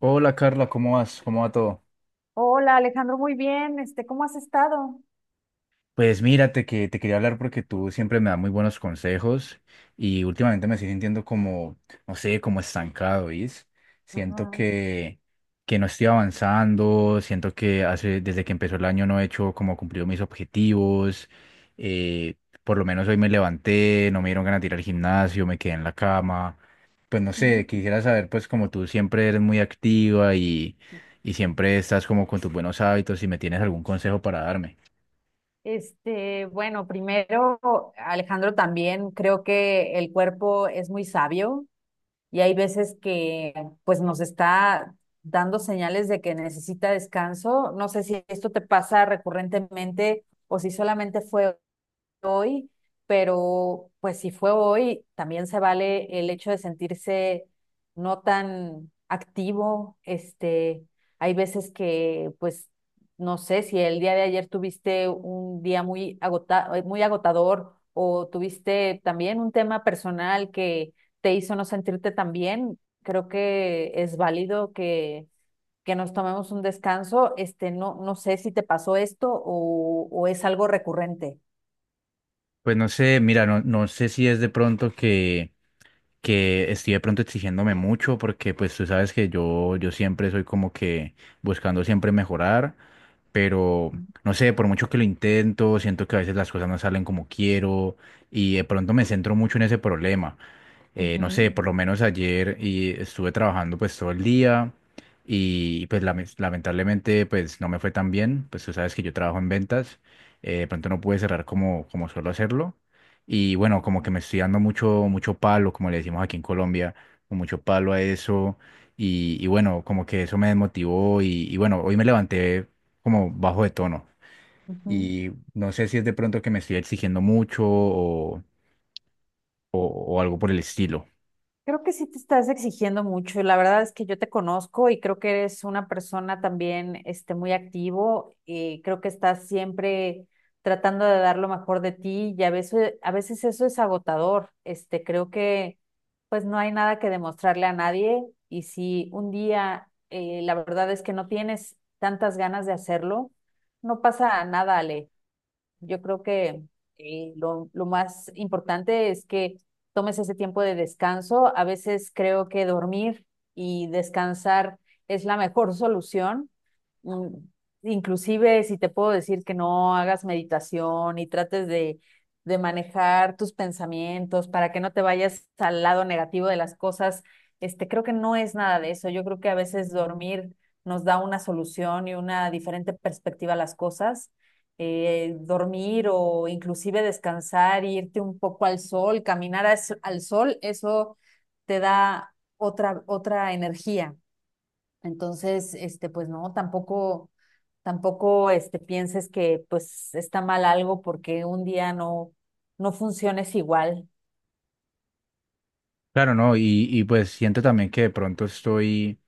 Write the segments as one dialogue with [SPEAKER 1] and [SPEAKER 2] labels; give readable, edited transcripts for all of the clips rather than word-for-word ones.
[SPEAKER 1] Hola Carla, ¿cómo vas? ¿Cómo va todo?
[SPEAKER 2] Hola Alejandro, muy bien. ¿Cómo has estado?
[SPEAKER 1] Pues mírate que te quería hablar porque tú siempre me das muy buenos consejos y últimamente me estoy sintiendo como, no sé, como estancado, ¿viste? Siento
[SPEAKER 2] Ajá,
[SPEAKER 1] que no estoy avanzando, siento que hace, desde que empezó el año no he hecho como cumplido mis objetivos. eh, por lo menos hoy me levanté, no me dieron ganas de ir al gimnasio, me quedé en la cama. Pues no sé,
[SPEAKER 2] ujú.
[SPEAKER 1] quisiera saber, pues como tú siempre eres muy activa y siempre estás como con tus buenos hábitos, si me tienes algún consejo para darme.
[SPEAKER 2] Bueno, primero, Alejandro, también creo que el cuerpo es muy sabio y hay veces que pues nos está dando señales de que necesita descanso. No sé si esto te pasa recurrentemente o si solamente fue hoy, pero pues si fue hoy, también se vale el hecho de sentirse no tan activo. Hay veces que, pues, no sé, si el día de ayer tuviste un día muy agotador o tuviste también un tema personal que te hizo no sentirte tan bien, creo que es válido que nos tomemos un descanso, este, no, no sé si te pasó esto o es algo recurrente.
[SPEAKER 1] Pues no sé, mira, no, no sé si es de pronto que estoy de pronto exigiéndome mucho, porque pues tú sabes que yo siempre soy como que buscando siempre mejorar, pero no sé, por mucho que lo intento, siento que a veces las cosas no salen como quiero y de pronto me centro mucho en ese problema. No
[SPEAKER 2] Ujú,
[SPEAKER 1] sé, por lo menos ayer y estuve trabajando pues todo el día y pues lamentablemente pues no me fue tan bien, pues tú sabes que yo trabajo en ventas. De pronto no pude cerrar como, como suelo hacerlo y bueno, como que me estoy dando mucho, mucho palo, como le decimos aquí en Colombia, con mucho palo a eso y bueno, como que eso me desmotivó y bueno, hoy me levanté como bajo de tono
[SPEAKER 2] ujú.
[SPEAKER 1] y no sé si es de pronto que me estoy exigiendo mucho o o algo por el estilo.
[SPEAKER 2] Creo que sí te estás exigiendo mucho y la verdad es que yo te conozco y creo que eres una persona también muy activo y creo que estás siempre tratando de dar lo mejor de ti y a veces eso es agotador. Creo que pues no hay nada que demostrarle a nadie y si un día la verdad es que no tienes tantas ganas de hacerlo, no pasa nada, Ale. Yo creo que lo más importante es que tomes ese tiempo de descanso. A veces creo que dormir y descansar es la mejor solución mm, inclusive si te puedo decir que no hagas meditación y trates de manejar tus pensamientos para que no te vayas al lado negativo de las cosas, creo que no es nada de eso. Yo creo que a veces dormir nos da una solución y una diferente perspectiva a las cosas. Dormir o inclusive descansar, irte un poco al sol, al sol, eso te da otra, otra energía. Entonces, pues no, tampoco, pienses que pues está mal algo porque un día no, no funciones igual.
[SPEAKER 1] Claro, no, y pues siento también que de pronto estoy,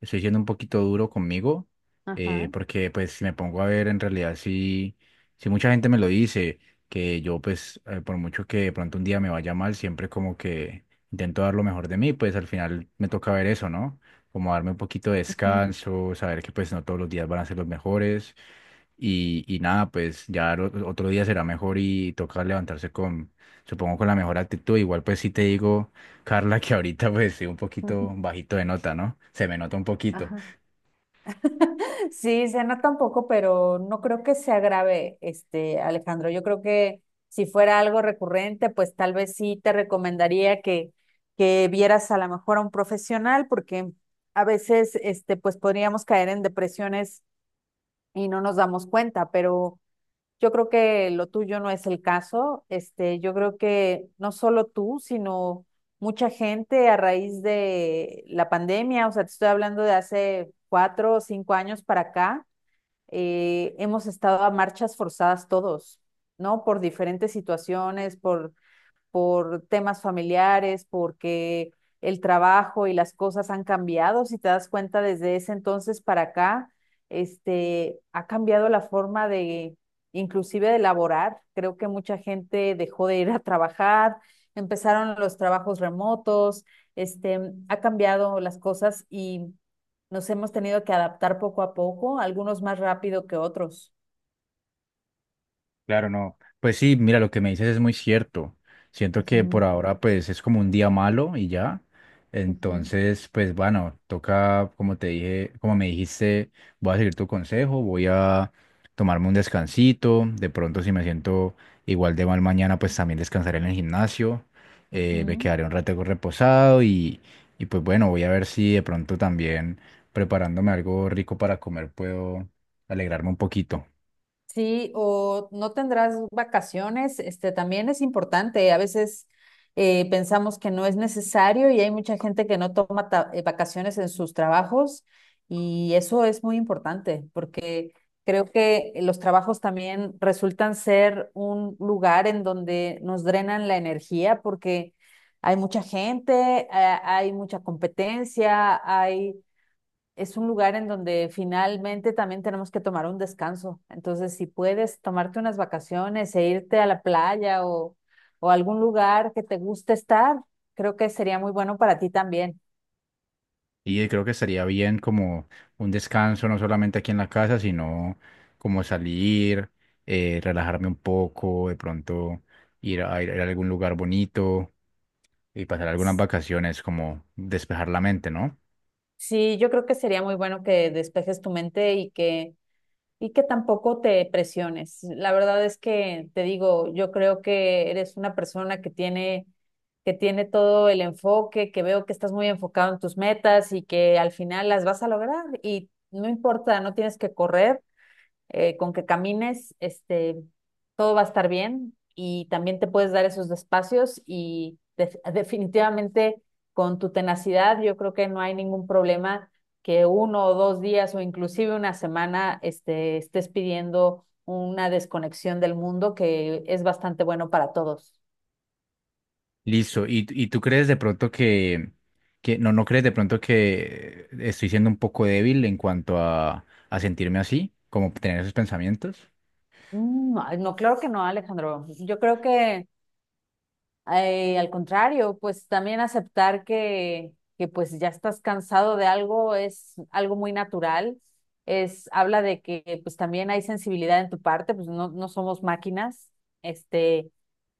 [SPEAKER 1] estoy siendo un poquito duro conmigo.
[SPEAKER 2] Ajá,
[SPEAKER 1] Porque pues si me pongo a ver en realidad si, si mucha gente me lo dice, que yo pues por mucho que de pronto un día me vaya mal, siempre como que intento dar lo mejor de mí, pues al final me toca ver eso, ¿no? Como darme un poquito de
[SPEAKER 2] ujú,
[SPEAKER 1] descanso, saber que pues no todos los días van a ser los mejores, y nada, pues otro día será mejor y toca levantarse con, supongo, con la mejor actitud. Igual pues sí te digo, Carla, que ahorita pues sí un
[SPEAKER 2] ujú.
[SPEAKER 1] poquito bajito de nota, ¿no? Se me nota un poquito.
[SPEAKER 2] Ajá. Sí, cena tampoco, pero no creo que sea grave, Alejandro. Yo creo que si fuera algo recurrente, pues tal vez sí te recomendaría que vieras a lo mejor a un profesional, porque a veces, pues podríamos caer en depresiones y no nos damos cuenta, pero yo creo que lo tuyo no es el caso. Yo creo que no solo tú, sino mucha gente a raíz de la pandemia, o sea, te estoy hablando de hace cuatro o cinco años para acá, hemos estado a marchas forzadas todos, ¿no? Por diferentes situaciones, por temas familiares, porque el trabajo y las cosas han cambiado, si te das cuenta desde ese entonces para acá, ha cambiado la forma de, inclusive de laborar. Creo que mucha gente dejó de ir a trabajar, empezaron los trabajos remotos, este, ha cambiado las cosas y nos hemos tenido que adaptar poco a poco, algunos más rápido que otros.
[SPEAKER 1] Claro, no. Pues sí, mira, lo que me dices es muy cierto. Siento que por
[SPEAKER 2] Ujú,
[SPEAKER 1] ahora pues es como un día malo y ya.
[SPEAKER 2] ujú,
[SPEAKER 1] Entonces, pues bueno, toca, como te dije, como me dijiste, voy a seguir tu consejo, voy a tomarme un descansito. De pronto, si me siento igual de mal mañana, pues también descansaré en el gimnasio. Me
[SPEAKER 2] ujú.
[SPEAKER 1] quedaré un rato reposado y pues bueno, voy a ver si de pronto también preparándome algo rico para comer puedo alegrarme un poquito.
[SPEAKER 2] Sí, o no tendrás vacaciones, este también es importante. A veces pensamos que no es necesario y hay mucha gente que no toma vacaciones en sus trabajos y eso es muy importante porque creo que los trabajos también resultan ser un lugar en donde nos drenan la energía porque hay mucha gente, hay mucha competencia, hay es un lugar en donde finalmente también tenemos que tomar un descanso. Entonces, si puedes tomarte unas vacaciones e irte a la playa o a algún lugar que te guste estar, creo que sería muy bueno para ti también.
[SPEAKER 1] Y creo que estaría bien como un descanso, no solamente aquí en la casa, sino como salir, relajarme un poco, de pronto ir a algún lugar bonito y pasar algunas vacaciones, como despejar la mente, ¿no?
[SPEAKER 2] Sí, yo creo que sería muy bueno que despejes tu mente y que y que tampoco te presiones. La verdad es que te digo, yo creo que eres una persona que tiene todo el enfoque, que veo que estás muy enfocado en tus metas y que al final las vas a lograr. Y no importa, no tienes que correr, con que camines, todo va a estar bien y también te puedes dar esos espacios y definitivamente con tu tenacidad yo creo que no hay ningún problema que uno o dos días o inclusive una semana este, estés pidiendo una desconexión del mundo que es bastante bueno para todos.
[SPEAKER 1] Listo. Y tú crees de pronto que, no, no crees de pronto que estoy siendo un poco débil en cuanto a sentirme así, como tener esos pensamientos?
[SPEAKER 2] Mm, no, no, claro que no, Alejandro. Yo creo que al contrario, pues también aceptar que pues ya estás cansado de algo es algo muy natural, es, habla de que pues también hay sensibilidad en tu parte, pues no, no somos máquinas, este,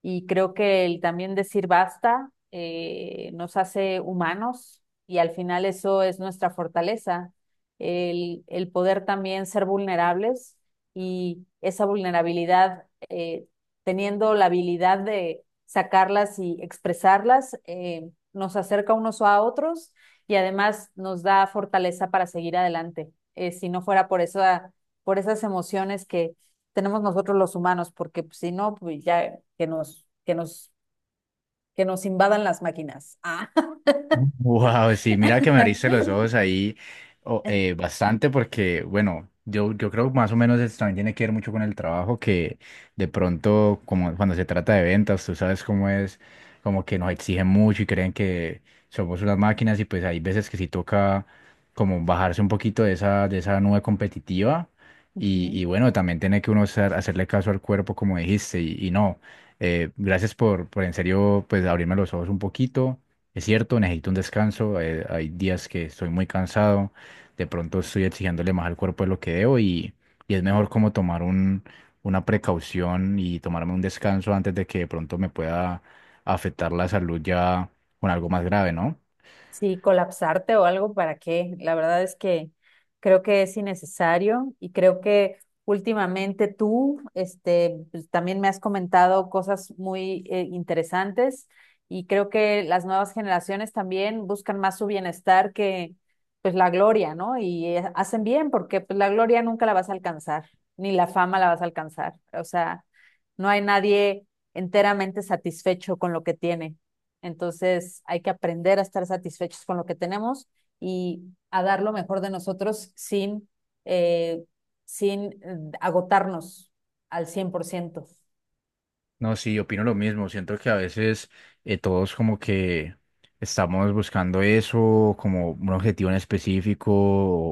[SPEAKER 2] y creo que el también decir basta nos hace humanos y al final eso es nuestra fortaleza, el poder también ser vulnerables y esa vulnerabilidad teniendo la habilidad de sacarlas y expresarlas, nos acerca unos a otros y además nos da fortaleza para seguir adelante. Si no fuera por esa, por esas emociones que tenemos nosotros los humanos, porque pues, si no, pues ya que nos invadan las máquinas. Ah.
[SPEAKER 1] Wow, sí, mira que me abriste los ojos ahí bastante porque, bueno, yo creo que más o menos eso también tiene que ver mucho con el trabajo que de pronto, como cuando se trata de ventas, tú sabes cómo es, como que nos exigen mucho y creen que somos unas máquinas y pues hay veces que sí toca como bajarse un poquito de esa nube competitiva y,
[SPEAKER 2] Ujú.
[SPEAKER 1] y bueno, también tiene que uno hacerle caso al cuerpo como dijiste y no, gracias por en serio pues abrirme los ojos un poquito. Es cierto, necesito un descanso. Hay días que estoy muy cansado, de pronto estoy exigiéndole más al cuerpo de lo que debo y es mejor como tomar un, una precaución y tomarme un descanso antes de que de pronto me pueda afectar la salud ya con algo más grave, ¿no?
[SPEAKER 2] Sí, colapsarte o algo, ¿para qué? La verdad es que creo que es innecesario y creo que últimamente tú, pues, también me has comentado cosas muy interesantes y creo que las nuevas generaciones también buscan más su bienestar que pues la gloria, ¿no? Y hacen bien porque pues la gloria nunca la vas a alcanzar, ni la fama la vas a alcanzar. O sea, no hay nadie enteramente satisfecho con lo que tiene. Entonces hay que aprender a estar satisfechos con lo que tenemos y a dar lo mejor de nosotros sin, eh, sin agotarnos al 100%.
[SPEAKER 1] No, sí, opino lo mismo. Siento que a veces todos como que estamos buscando eso como un objetivo en específico,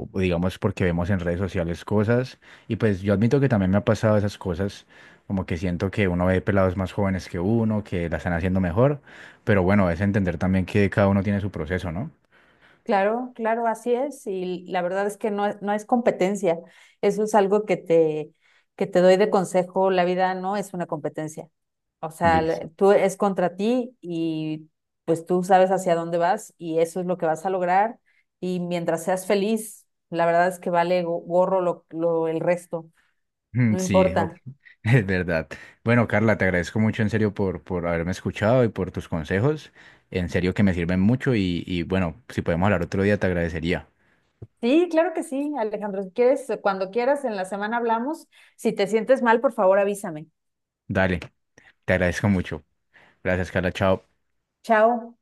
[SPEAKER 1] o digamos porque vemos en redes sociales cosas. Y pues yo admito que también me ha pasado esas cosas, como que siento que uno ve pelados más jóvenes que uno, que la están haciendo mejor. Pero bueno, es entender también que cada uno tiene su proceso, ¿no?
[SPEAKER 2] Claro, claro, así es. Y la verdad es que no, no es competencia. Eso es algo que te doy de consejo. La vida no es una competencia. O sea,
[SPEAKER 1] Listo.
[SPEAKER 2] tú es contra ti y pues tú sabes hacia dónde vas y eso es lo que vas a lograr. Y mientras seas feliz, la verdad es que vale gorro el resto.
[SPEAKER 1] Mm,
[SPEAKER 2] No
[SPEAKER 1] sí, o-
[SPEAKER 2] importa.
[SPEAKER 1] es verdad. Bueno, Carla, te agradezco mucho en serio por haberme escuchado y por tus consejos. En serio que me sirven mucho y bueno, si podemos hablar otro día, te agradecería.
[SPEAKER 2] Sí, claro que sí, Alejandro. Si quieres, cuando quieras, en la semana hablamos. Si te sientes mal, por favor, avísame.
[SPEAKER 1] Dale, te agradezco mucho. Gracias, Carla. Chao.
[SPEAKER 2] Chao.